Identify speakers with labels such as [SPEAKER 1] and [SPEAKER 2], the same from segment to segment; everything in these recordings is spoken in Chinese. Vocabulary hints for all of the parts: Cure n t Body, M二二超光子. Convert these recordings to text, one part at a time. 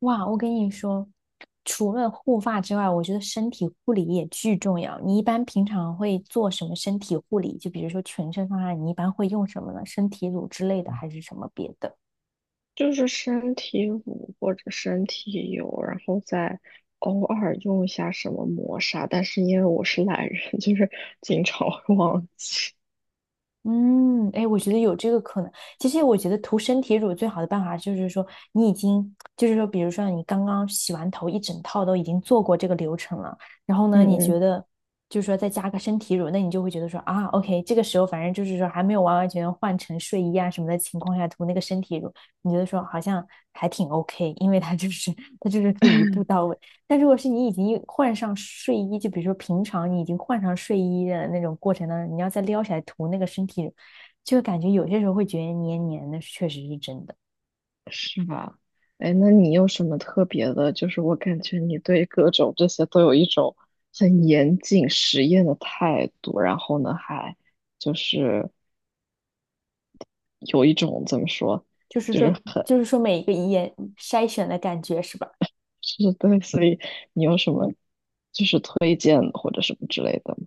[SPEAKER 1] 哇，我跟你说，除了护发之外，我觉得身体护理也巨重要。你一般平常会做什么身体护理？就比如说全身方案，你一般会用什么呢？身体乳之类的，还是什么别的？
[SPEAKER 2] 就是身体乳或者身体油，然后再偶尔用一下什么磨砂，但是因为我是懒人，经常会忘记。
[SPEAKER 1] 嗯，哎，我觉得有这个可能。其实我觉得涂身体乳最好的办法就是说，你已经就是说，比如说你刚刚洗完头，一整套都已经做过这个流程了，然后呢，
[SPEAKER 2] 嗯
[SPEAKER 1] 你觉
[SPEAKER 2] 嗯。
[SPEAKER 1] 得就是说再加个身体乳，那你就会觉得说啊，OK，这个时候反正就是说还没有完完全全换成睡衣啊什么的情况下涂那个身体乳，你觉得说好像还挺 OK，因为它就是可以一步到位。但如果是你已经换上睡衣，就比如说平常你已经换上睡衣的那种过程当中，你要再撩起来涂那个身体，就感觉有些时候会觉得黏黏的，确实是真的。
[SPEAKER 2] 是吧？哎，那你有什么特别的？就是我感觉你对各种这些都有一种很严谨实验的态度，然后呢，还就是有一种怎么说，
[SPEAKER 1] 就是
[SPEAKER 2] 就
[SPEAKER 1] 说，
[SPEAKER 2] 是很
[SPEAKER 1] 就是说每一个眼筛选的感觉是吧？
[SPEAKER 2] 是，对，所以你有什么就是推荐或者什么之类的吗？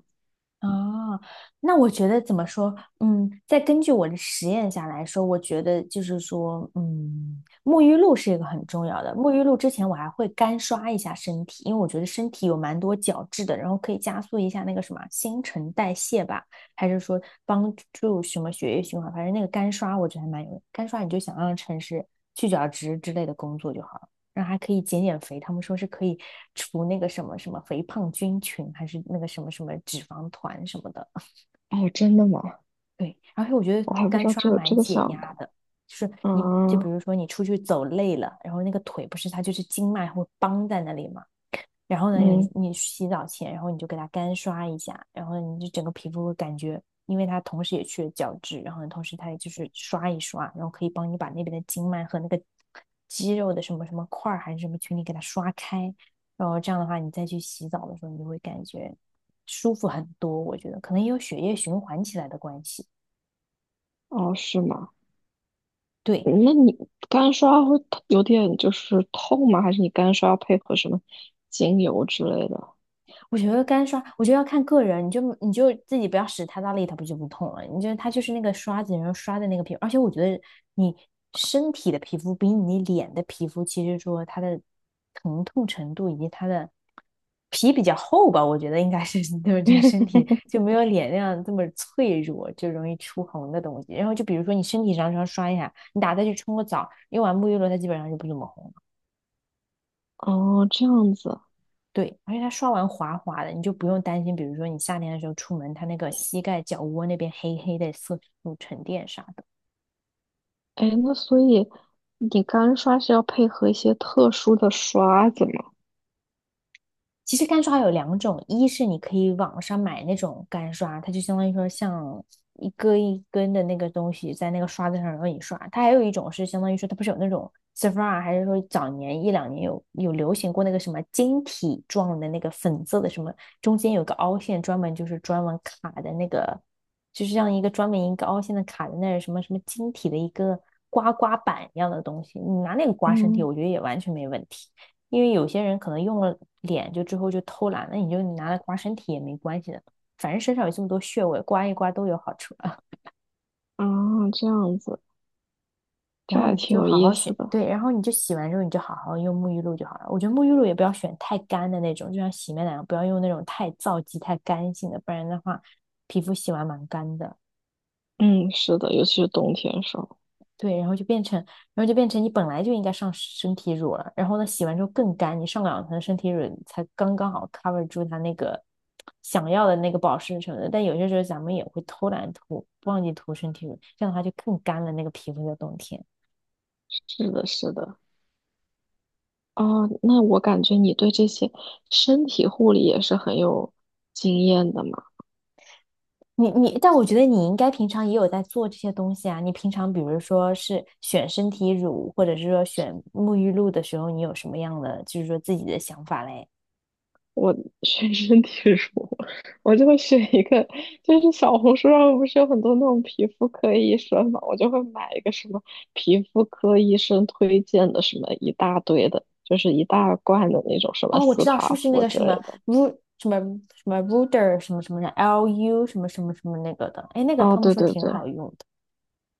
[SPEAKER 1] 啊，那我觉得怎么说？嗯，再根据我的实验下来说，我觉得就是说，嗯，沐浴露是一个很重要的。沐浴露之前我还会干刷一下身体，因为我觉得身体有蛮多角质的，然后可以加速一下那个什么新陈代谢吧，还是说帮助什么血液循环？反正那个干刷我觉得还蛮有用，干刷你就想让城市去角质之类的工作就好了。然后还可以减减肥，他们说是可以除那个什么什么肥胖菌群，还是那个什么什么脂肪团什么的。
[SPEAKER 2] 哦，真的吗？
[SPEAKER 1] 对，而且我觉得
[SPEAKER 2] 我还不
[SPEAKER 1] 干
[SPEAKER 2] 知道
[SPEAKER 1] 刷
[SPEAKER 2] 这有
[SPEAKER 1] 蛮
[SPEAKER 2] 这个
[SPEAKER 1] 解
[SPEAKER 2] 效
[SPEAKER 1] 压
[SPEAKER 2] 果。
[SPEAKER 1] 的，就是你就比
[SPEAKER 2] 啊。
[SPEAKER 1] 如说你出去走累了，然后那个腿不是它就是经脉会绷在那里嘛，然后呢，你
[SPEAKER 2] 嗯。
[SPEAKER 1] 你洗澡前，然后你就给它干刷一下，然后你就整个皮肤会感觉，因为它同时也去了角质，然后同时它也就是刷一刷，然后可以帮你把那边的经脉和那个肌肉的什么什么块还是什么群里给它刷开，然后这样的话，你再去洗澡的时候，你就会感觉舒服很多。我觉得可能也有血液循环起来的关系。
[SPEAKER 2] 哦，是吗？
[SPEAKER 1] 对，
[SPEAKER 2] 嗯，那你干刷会有点就是痛吗？还是你干刷要配合什么精油之类的？
[SPEAKER 1] 我觉得干刷，我觉得要看个人，你就自己不要使太大力，它不就不痛了？你就它就是那个刷子，然后刷的那个皮肤，而且我觉得你身体的皮肤比你脸的皮肤，其实说它的疼痛程度以及它的皮比较厚吧，我觉得应该是对，就是身体 就没有脸那样这么脆弱，就容易出红的东西。然后就比如说你身体上稍微刷一下，你打再去冲个澡，用完沐浴露，它基本上就不怎么红。
[SPEAKER 2] 哦，这样子啊。
[SPEAKER 1] 对，而且它刷完滑滑的，你就不用担心，比如说你夏天的时候出门，它那个膝盖、脚窝那边黑黑的色素沉淀啥的。
[SPEAKER 2] 哎，那所以你干刷是要配合一些特殊的刷子吗？
[SPEAKER 1] 其实干刷有两种，一是你可以网上买那种干刷，它就相当于说像一根一根的那个东西在那个刷子上让你刷。它还有一种是相当于说，它不是有那种 s e p h r a 还是说早年一两年有流行过那个什么晶体状的那个粉色的什么，中间有个凹陷，专门就是专门卡的那个，就是像一个专门一个凹陷的卡在那儿什么什么晶体的一个刮刮板一样的东西，你拿那个刮身体，
[SPEAKER 2] 嗯。
[SPEAKER 1] 我觉得也完全没问题。因为有些人可能用了脸就之后就偷懒，了，你就拿来刮身体也没关系的，反正身上有这么多穴位，刮一刮都有好处啊。
[SPEAKER 2] 啊，这样子，
[SPEAKER 1] 然
[SPEAKER 2] 这
[SPEAKER 1] 后
[SPEAKER 2] 还
[SPEAKER 1] 你
[SPEAKER 2] 挺
[SPEAKER 1] 就
[SPEAKER 2] 有
[SPEAKER 1] 好
[SPEAKER 2] 意
[SPEAKER 1] 好
[SPEAKER 2] 思
[SPEAKER 1] 选，
[SPEAKER 2] 的。
[SPEAKER 1] 对，然后你就洗完之后你就好好用沐浴露就好了。我觉得沐浴露也不要选太干的那种，就像洗面奶不要用那种太皂基、太干性的，不然的话皮肤洗完蛮干的。
[SPEAKER 2] 嗯，是的，尤其是冬天的时候。
[SPEAKER 1] 对，然后就变成，然后就变成你本来就应该上身体乳了，然后呢，洗完之后更干，你上两层身体乳才刚刚好 cover 住它那个想要的那个保湿什么的。但有些时候咱们也会偷懒涂，忘记涂身体乳，这样的话就更干了那个皮肤的冬天。
[SPEAKER 2] 是的，是的。哦，那我感觉你对这些身体护理也是很有经验的嘛。
[SPEAKER 1] 你，但我觉得你应该平常也有在做这些东西啊。你平常比如说是选身体乳，或者是说选沐浴露的时候，你有什么样的就是说自己的想法嘞？
[SPEAKER 2] 我学 身体乳，我就会选一个，就是小红书上不是有很多那种皮肤科医生嘛，我就会买一个什么皮肤科医生推荐的什么一大堆的，就是一大罐的那种什么
[SPEAKER 1] 哦，我知
[SPEAKER 2] 斯
[SPEAKER 1] 道，是
[SPEAKER 2] 塔
[SPEAKER 1] 不是那
[SPEAKER 2] 芙
[SPEAKER 1] 个
[SPEAKER 2] 之
[SPEAKER 1] 什
[SPEAKER 2] 类
[SPEAKER 1] 么
[SPEAKER 2] 的。
[SPEAKER 1] Ru 什么什么 Ruder 什么什么的 LU 什么什么什么那个的？哎，那个
[SPEAKER 2] 哦，
[SPEAKER 1] 他们
[SPEAKER 2] 对
[SPEAKER 1] 说
[SPEAKER 2] 对
[SPEAKER 1] 挺
[SPEAKER 2] 对
[SPEAKER 1] 好用的。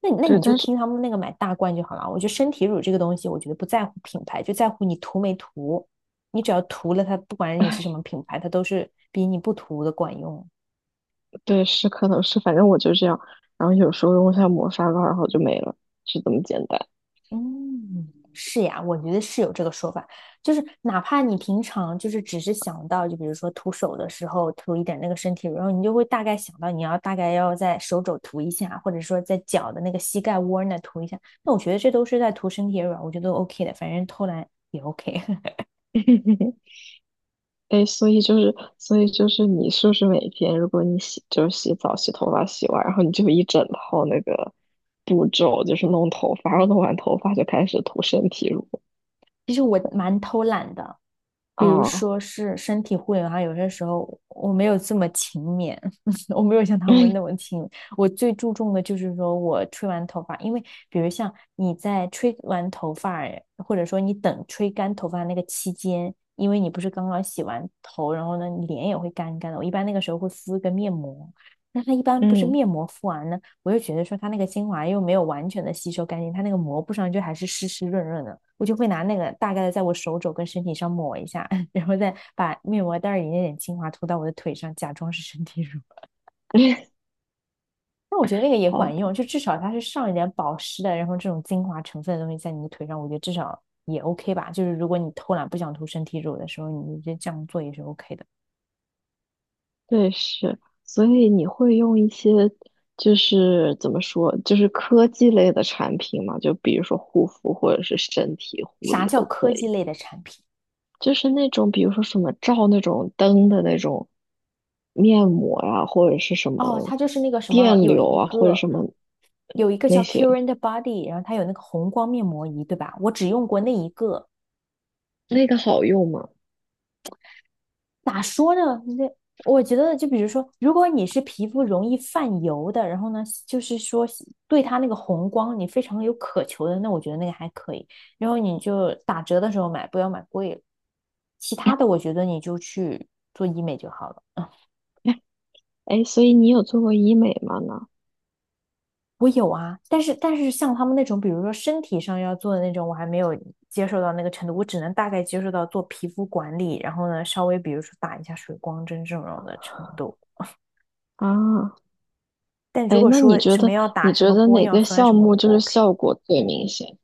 [SPEAKER 1] 那
[SPEAKER 2] 对。
[SPEAKER 1] 你就
[SPEAKER 2] 但是
[SPEAKER 1] 听他们那个买大罐就好了。我觉得身体乳这个东西，我觉得不在乎品牌，就在乎你涂没涂。你只要涂了它，不管你是什么品牌，它都是比你不涂的管用。
[SPEAKER 2] 对，是可能是，反正我就这样，然后有时候用一下磨砂膏，然后就没了，是这么简单。
[SPEAKER 1] 嗯，是呀，我觉得是有这个说法，就是哪怕你平常就是只是想到，就比如说涂手的时候涂一点那个身体乳，然后你就会大概想到你要大概要在手肘涂一下，或者说在脚的那个膝盖窝儿那涂一下，那我觉得这都是在涂身体乳啊我觉得都 OK 的，反正偷懒也 OK
[SPEAKER 2] 哎，所以就是，所以就是，你是不是每天，如果你洗，就是洗澡、洗头发、洗完，然后你就一整套那个步骤，就是弄头发，然后弄完头发就开始涂身体乳
[SPEAKER 1] 其实我蛮偷懒的，比如
[SPEAKER 2] 啊。
[SPEAKER 1] 说是身体护理的话，有些时候我没有这么勤勉，我没有像他们那么勤勉。我最注重的就是说我吹完头发，因为比如像你在吹完头发，或者说你等吹干头发那个期间，因为你不是刚刚洗完头，然后呢，你脸也会干干的。我一般那个时候会敷一个面膜，那它一般不是
[SPEAKER 2] 嗯。
[SPEAKER 1] 面膜敷完呢，我就觉得说它那个精华又没有完全的吸收干净，它那个膜布上就还是湿湿润润的。我就会拿那个大概的在我手肘跟身体上抹一下，然后再把面膜袋里那点精华涂到我的腿上，假装是身体乳。那我觉得那个也
[SPEAKER 2] 好
[SPEAKER 1] 管
[SPEAKER 2] 的。
[SPEAKER 1] 用，就至少它是上一点保湿的，然后这种精华成分的东西在你的腿上，我觉得至少也 OK 吧。就是如果你偷懒不想涂身体乳的时候，你就这样做也是 OK 的。
[SPEAKER 2] 对，是，所以你会用一些，就是怎么说，就是科技类的产品嘛，就比如说护肤或者是身体护
[SPEAKER 1] 啥
[SPEAKER 2] 理
[SPEAKER 1] 叫
[SPEAKER 2] 都可
[SPEAKER 1] 科技
[SPEAKER 2] 以。
[SPEAKER 1] 类的产品？
[SPEAKER 2] 就是那种比如说什么照那种灯的那种面膜呀、或者是什
[SPEAKER 1] 哦，它
[SPEAKER 2] 么
[SPEAKER 1] 就是那个什么，
[SPEAKER 2] 电
[SPEAKER 1] 有
[SPEAKER 2] 流
[SPEAKER 1] 一
[SPEAKER 2] 啊，或者
[SPEAKER 1] 个
[SPEAKER 2] 什么
[SPEAKER 1] 有一个
[SPEAKER 2] 那
[SPEAKER 1] 叫
[SPEAKER 2] 些，
[SPEAKER 1] Cure n t Body，然后它有那个红光面膜仪，对吧？我只用过那一个，
[SPEAKER 2] 那个好用吗？
[SPEAKER 1] 咋说呢？那我觉得，就比如说，如果你是皮肤容易泛油的，然后呢，就是说对它那个红光你非常有渴求的，那我觉得那个还可以。然后你就打折的时候买，不要买贵了。其他的，我觉得你就去做医美就好了。
[SPEAKER 2] 哎哎，所以你有做过医美吗呢？
[SPEAKER 1] 我有啊，但是像他们那种，比如说身体上要做的那种，我还没有接受到那个程度，我只能大概接受到做皮肤管理，然后呢，稍微比如说打一下水光针这种的程度。
[SPEAKER 2] 啊。
[SPEAKER 1] 但如
[SPEAKER 2] 哎，
[SPEAKER 1] 果
[SPEAKER 2] 那你
[SPEAKER 1] 说
[SPEAKER 2] 觉
[SPEAKER 1] 什么
[SPEAKER 2] 得
[SPEAKER 1] 要打什么玻
[SPEAKER 2] 哪
[SPEAKER 1] 尿
[SPEAKER 2] 个
[SPEAKER 1] 酸什
[SPEAKER 2] 项
[SPEAKER 1] 么，
[SPEAKER 2] 目
[SPEAKER 1] 我
[SPEAKER 2] 就
[SPEAKER 1] 不
[SPEAKER 2] 是
[SPEAKER 1] OK。
[SPEAKER 2] 效果最明显？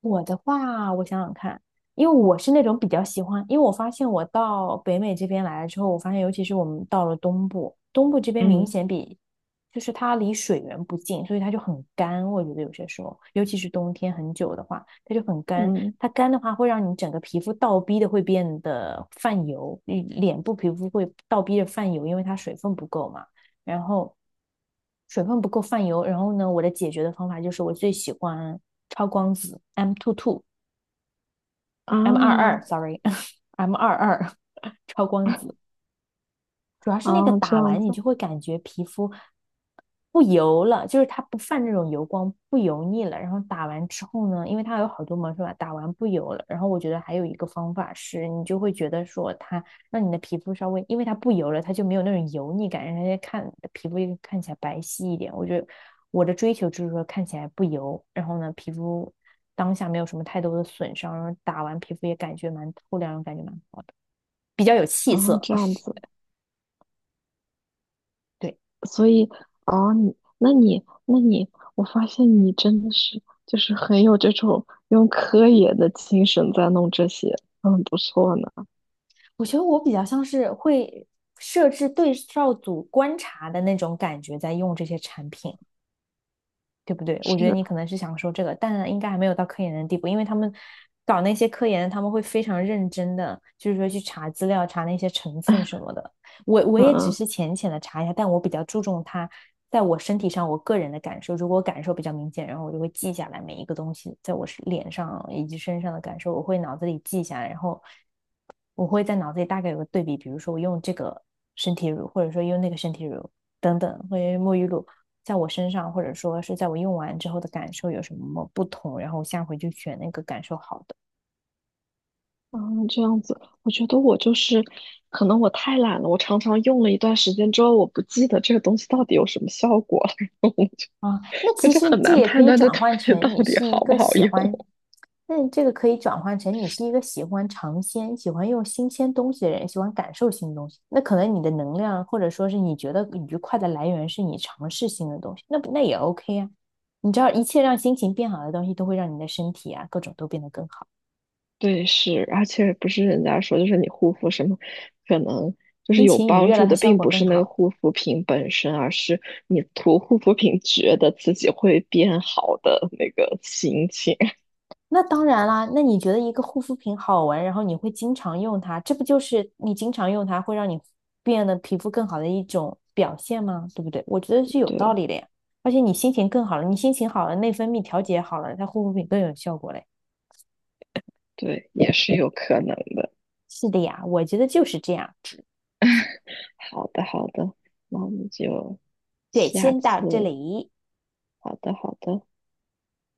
[SPEAKER 1] 我的话，我想想看，因为我是那种比较喜欢，因为我发现我到北美这边来了之后，我发现尤其是我们到了东部，东部这边明
[SPEAKER 2] 嗯
[SPEAKER 1] 显比，就是它离水源不近，所以它就很干。我觉得有些时候，尤其是冬天很久的话，它就很干。
[SPEAKER 2] 嗯。
[SPEAKER 1] 它干的话，会让你整个皮肤倒逼的会变得泛油，你脸部皮肤会倒逼的泛油，因为它水分不够嘛。然后水分不够泛油，然后呢，我的解决的方法就是我最喜欢超光子 M two two M 二二
[SPEAKER 2] 啊。
[SPEAKER 1] sorry M22超光子，主要是那个
[SPEAKER 2] 啊，这
[SPEAKER 1] 打
[SPEAKER 2] 样
[SPEAKER 1] 完你
[SPEAKER 2] 子
[SPEAKER 1] 就会感觉皮肤不油了，就是它不泛那种油光，不油腻了。然后打完之后呢，因为它有好多毛是吧，打完不油了。然后我觉得还有一个方法是，你就会觉得说它让你的皮肤稍微，因为它不油了，它就没有那种油腻感，让人家看皮肤看起来白皙一点。我觉得我的追求就是说看起来不油，然后呢皮肤当下没有什么太多的损伤，然后打完皮肤也感觉蛮透亮，感觉蛮好的，比较有气
[SPEAKER 2] 啊，
[SPEAKER 1] 色。
[SPEAKER 2] 这 样子。
[SPEAKER 1] 对。
[SPEAKER 2] 所以哦，你，我发现你真的是就是很有这种用科研的精神在弄这些，嗯，不错呢。
[SPEAKER 1] 我觉得我比较像是会设置对照组观察的那种感觉，在用这些产品，对不对？我觉得
[SPEAKER 2] 是。
[SPEAKER 1] 你可能是想说这个，但应该还没有到科研的地步，因为他们搞那些科研，他们会非常认真的，就是说去查资料、查那些成分什 么的。我
[SPEAKER 2] 嗯
[SPEAKER 1] 也只
[SPEAKER 2] 嗯
[SPEAKER 1] 是浅浅的查一下，但我比较注重它在我身体上我个人的感受。如果我感受比较明显，然后我就会记下来每一个东西在我是脸上以及身上的感受，我会脑子里记下来，然后我会在脑子里大概有个对比，比如说我用这个身体乳，或者说用那个身体乳等等，或者沐浴露，在我身上，或者说是在我用完之后的感受有什么不同，然后我下回就选那个感受好的。
[SPEAKER 2] 嗯，这样子，我觉得我就是可能我太懒了，我常常用了一段时间之后，我不记得这个东西到底有什么效果了，
[SPEAKER 1] 啊，哦那
[SPEAKER 2] 我
[SPEAKER 1] 其
[SPEAKER 2] 就
[SPEAKER 1] 实
[SPEAKER 2] 很
[SPEAKER 1] 这
[SPEAKER 2] 难
[SPEAKER 1] 也可
[SPEAKER 2] 判
[SPEAKER 1] 以
[SPEAKER 2] 断这
[SPEAKER 1] 转
[SPEAKER 2] 东
[SPEAKER 1] 换
[SPEAKER 2] 西到
[SPEAKER 1] 成你
[SPEAKER 2] 底
[SPEAKER 1] 是一
[SPEAKER 2] 好不
[SPEAKER 1] 个
[SPEAKER 2] 好
[SPEAKER 1] 喜
[SPEAKER 2] 用。
[SPEAKER 1] 欢那这个可以转换成你是一个喜欢尝鲜、喜欢用新鲜东西的人，喜欢感受新东西。那可能你的能量，或者说是你觉得愉快的来源，是你尝试新的东西，那也 OK 啊。你知道，一切让心情变好的东西，都会让你的身体啊各种都变得更好，
[SPEAKER 2] 对，是，而且不是人家说，就是你护肤什么，可能就
[SPEAKER 1] 心
[SPEAKER 2] 是有
[SPEAKER 1] 情愉
[SPEAKER 2] 帮
[SPEAKER 1] 悦
[SPEAKER 2] 助
[SPEAKER 1] 了，它
[SPEAKER 2] 的，
[SPEAKER 1] 效
[SPEAKER 2] 并
[SPEAKER 1] 果
[SPEAKER 2] 不
[SPEAKER 1] 更
[SPEAKER 2] 是那个
[SPEAKER 1] 好。
[SPEAKER 2] 护肤品本身，而是你涂护肤品觉得自己会变好的那个心情。
[SPEAKER 1] 那当然啦，那你觉得一个护肤品好闻，然后你会经常用它，这不就是你经常用它会让你变得皮肤更好的一种表现吗？对不对？我觉得是有道
[SPEAKER 2] 对
[SPEAKER 1] 理的呀。而且你心情更好了，你心情好了，内分泌调节好了，它护肤品更有效果嘞。
[SPEAKER 2] 对，也是有可能的。
[SPEAKER 1] 是的呀，我觉得就是这样。
[SPEAKER 2] 好的，好的，那我们就
[SPEAKER 1] 对，
[SPEAKER 2] 下
[SPEAKER 1] 先到
[SPEAKER 2] 次，
[SPEAKER 1] 这里。
[SPEAKER 2] 好的，好的。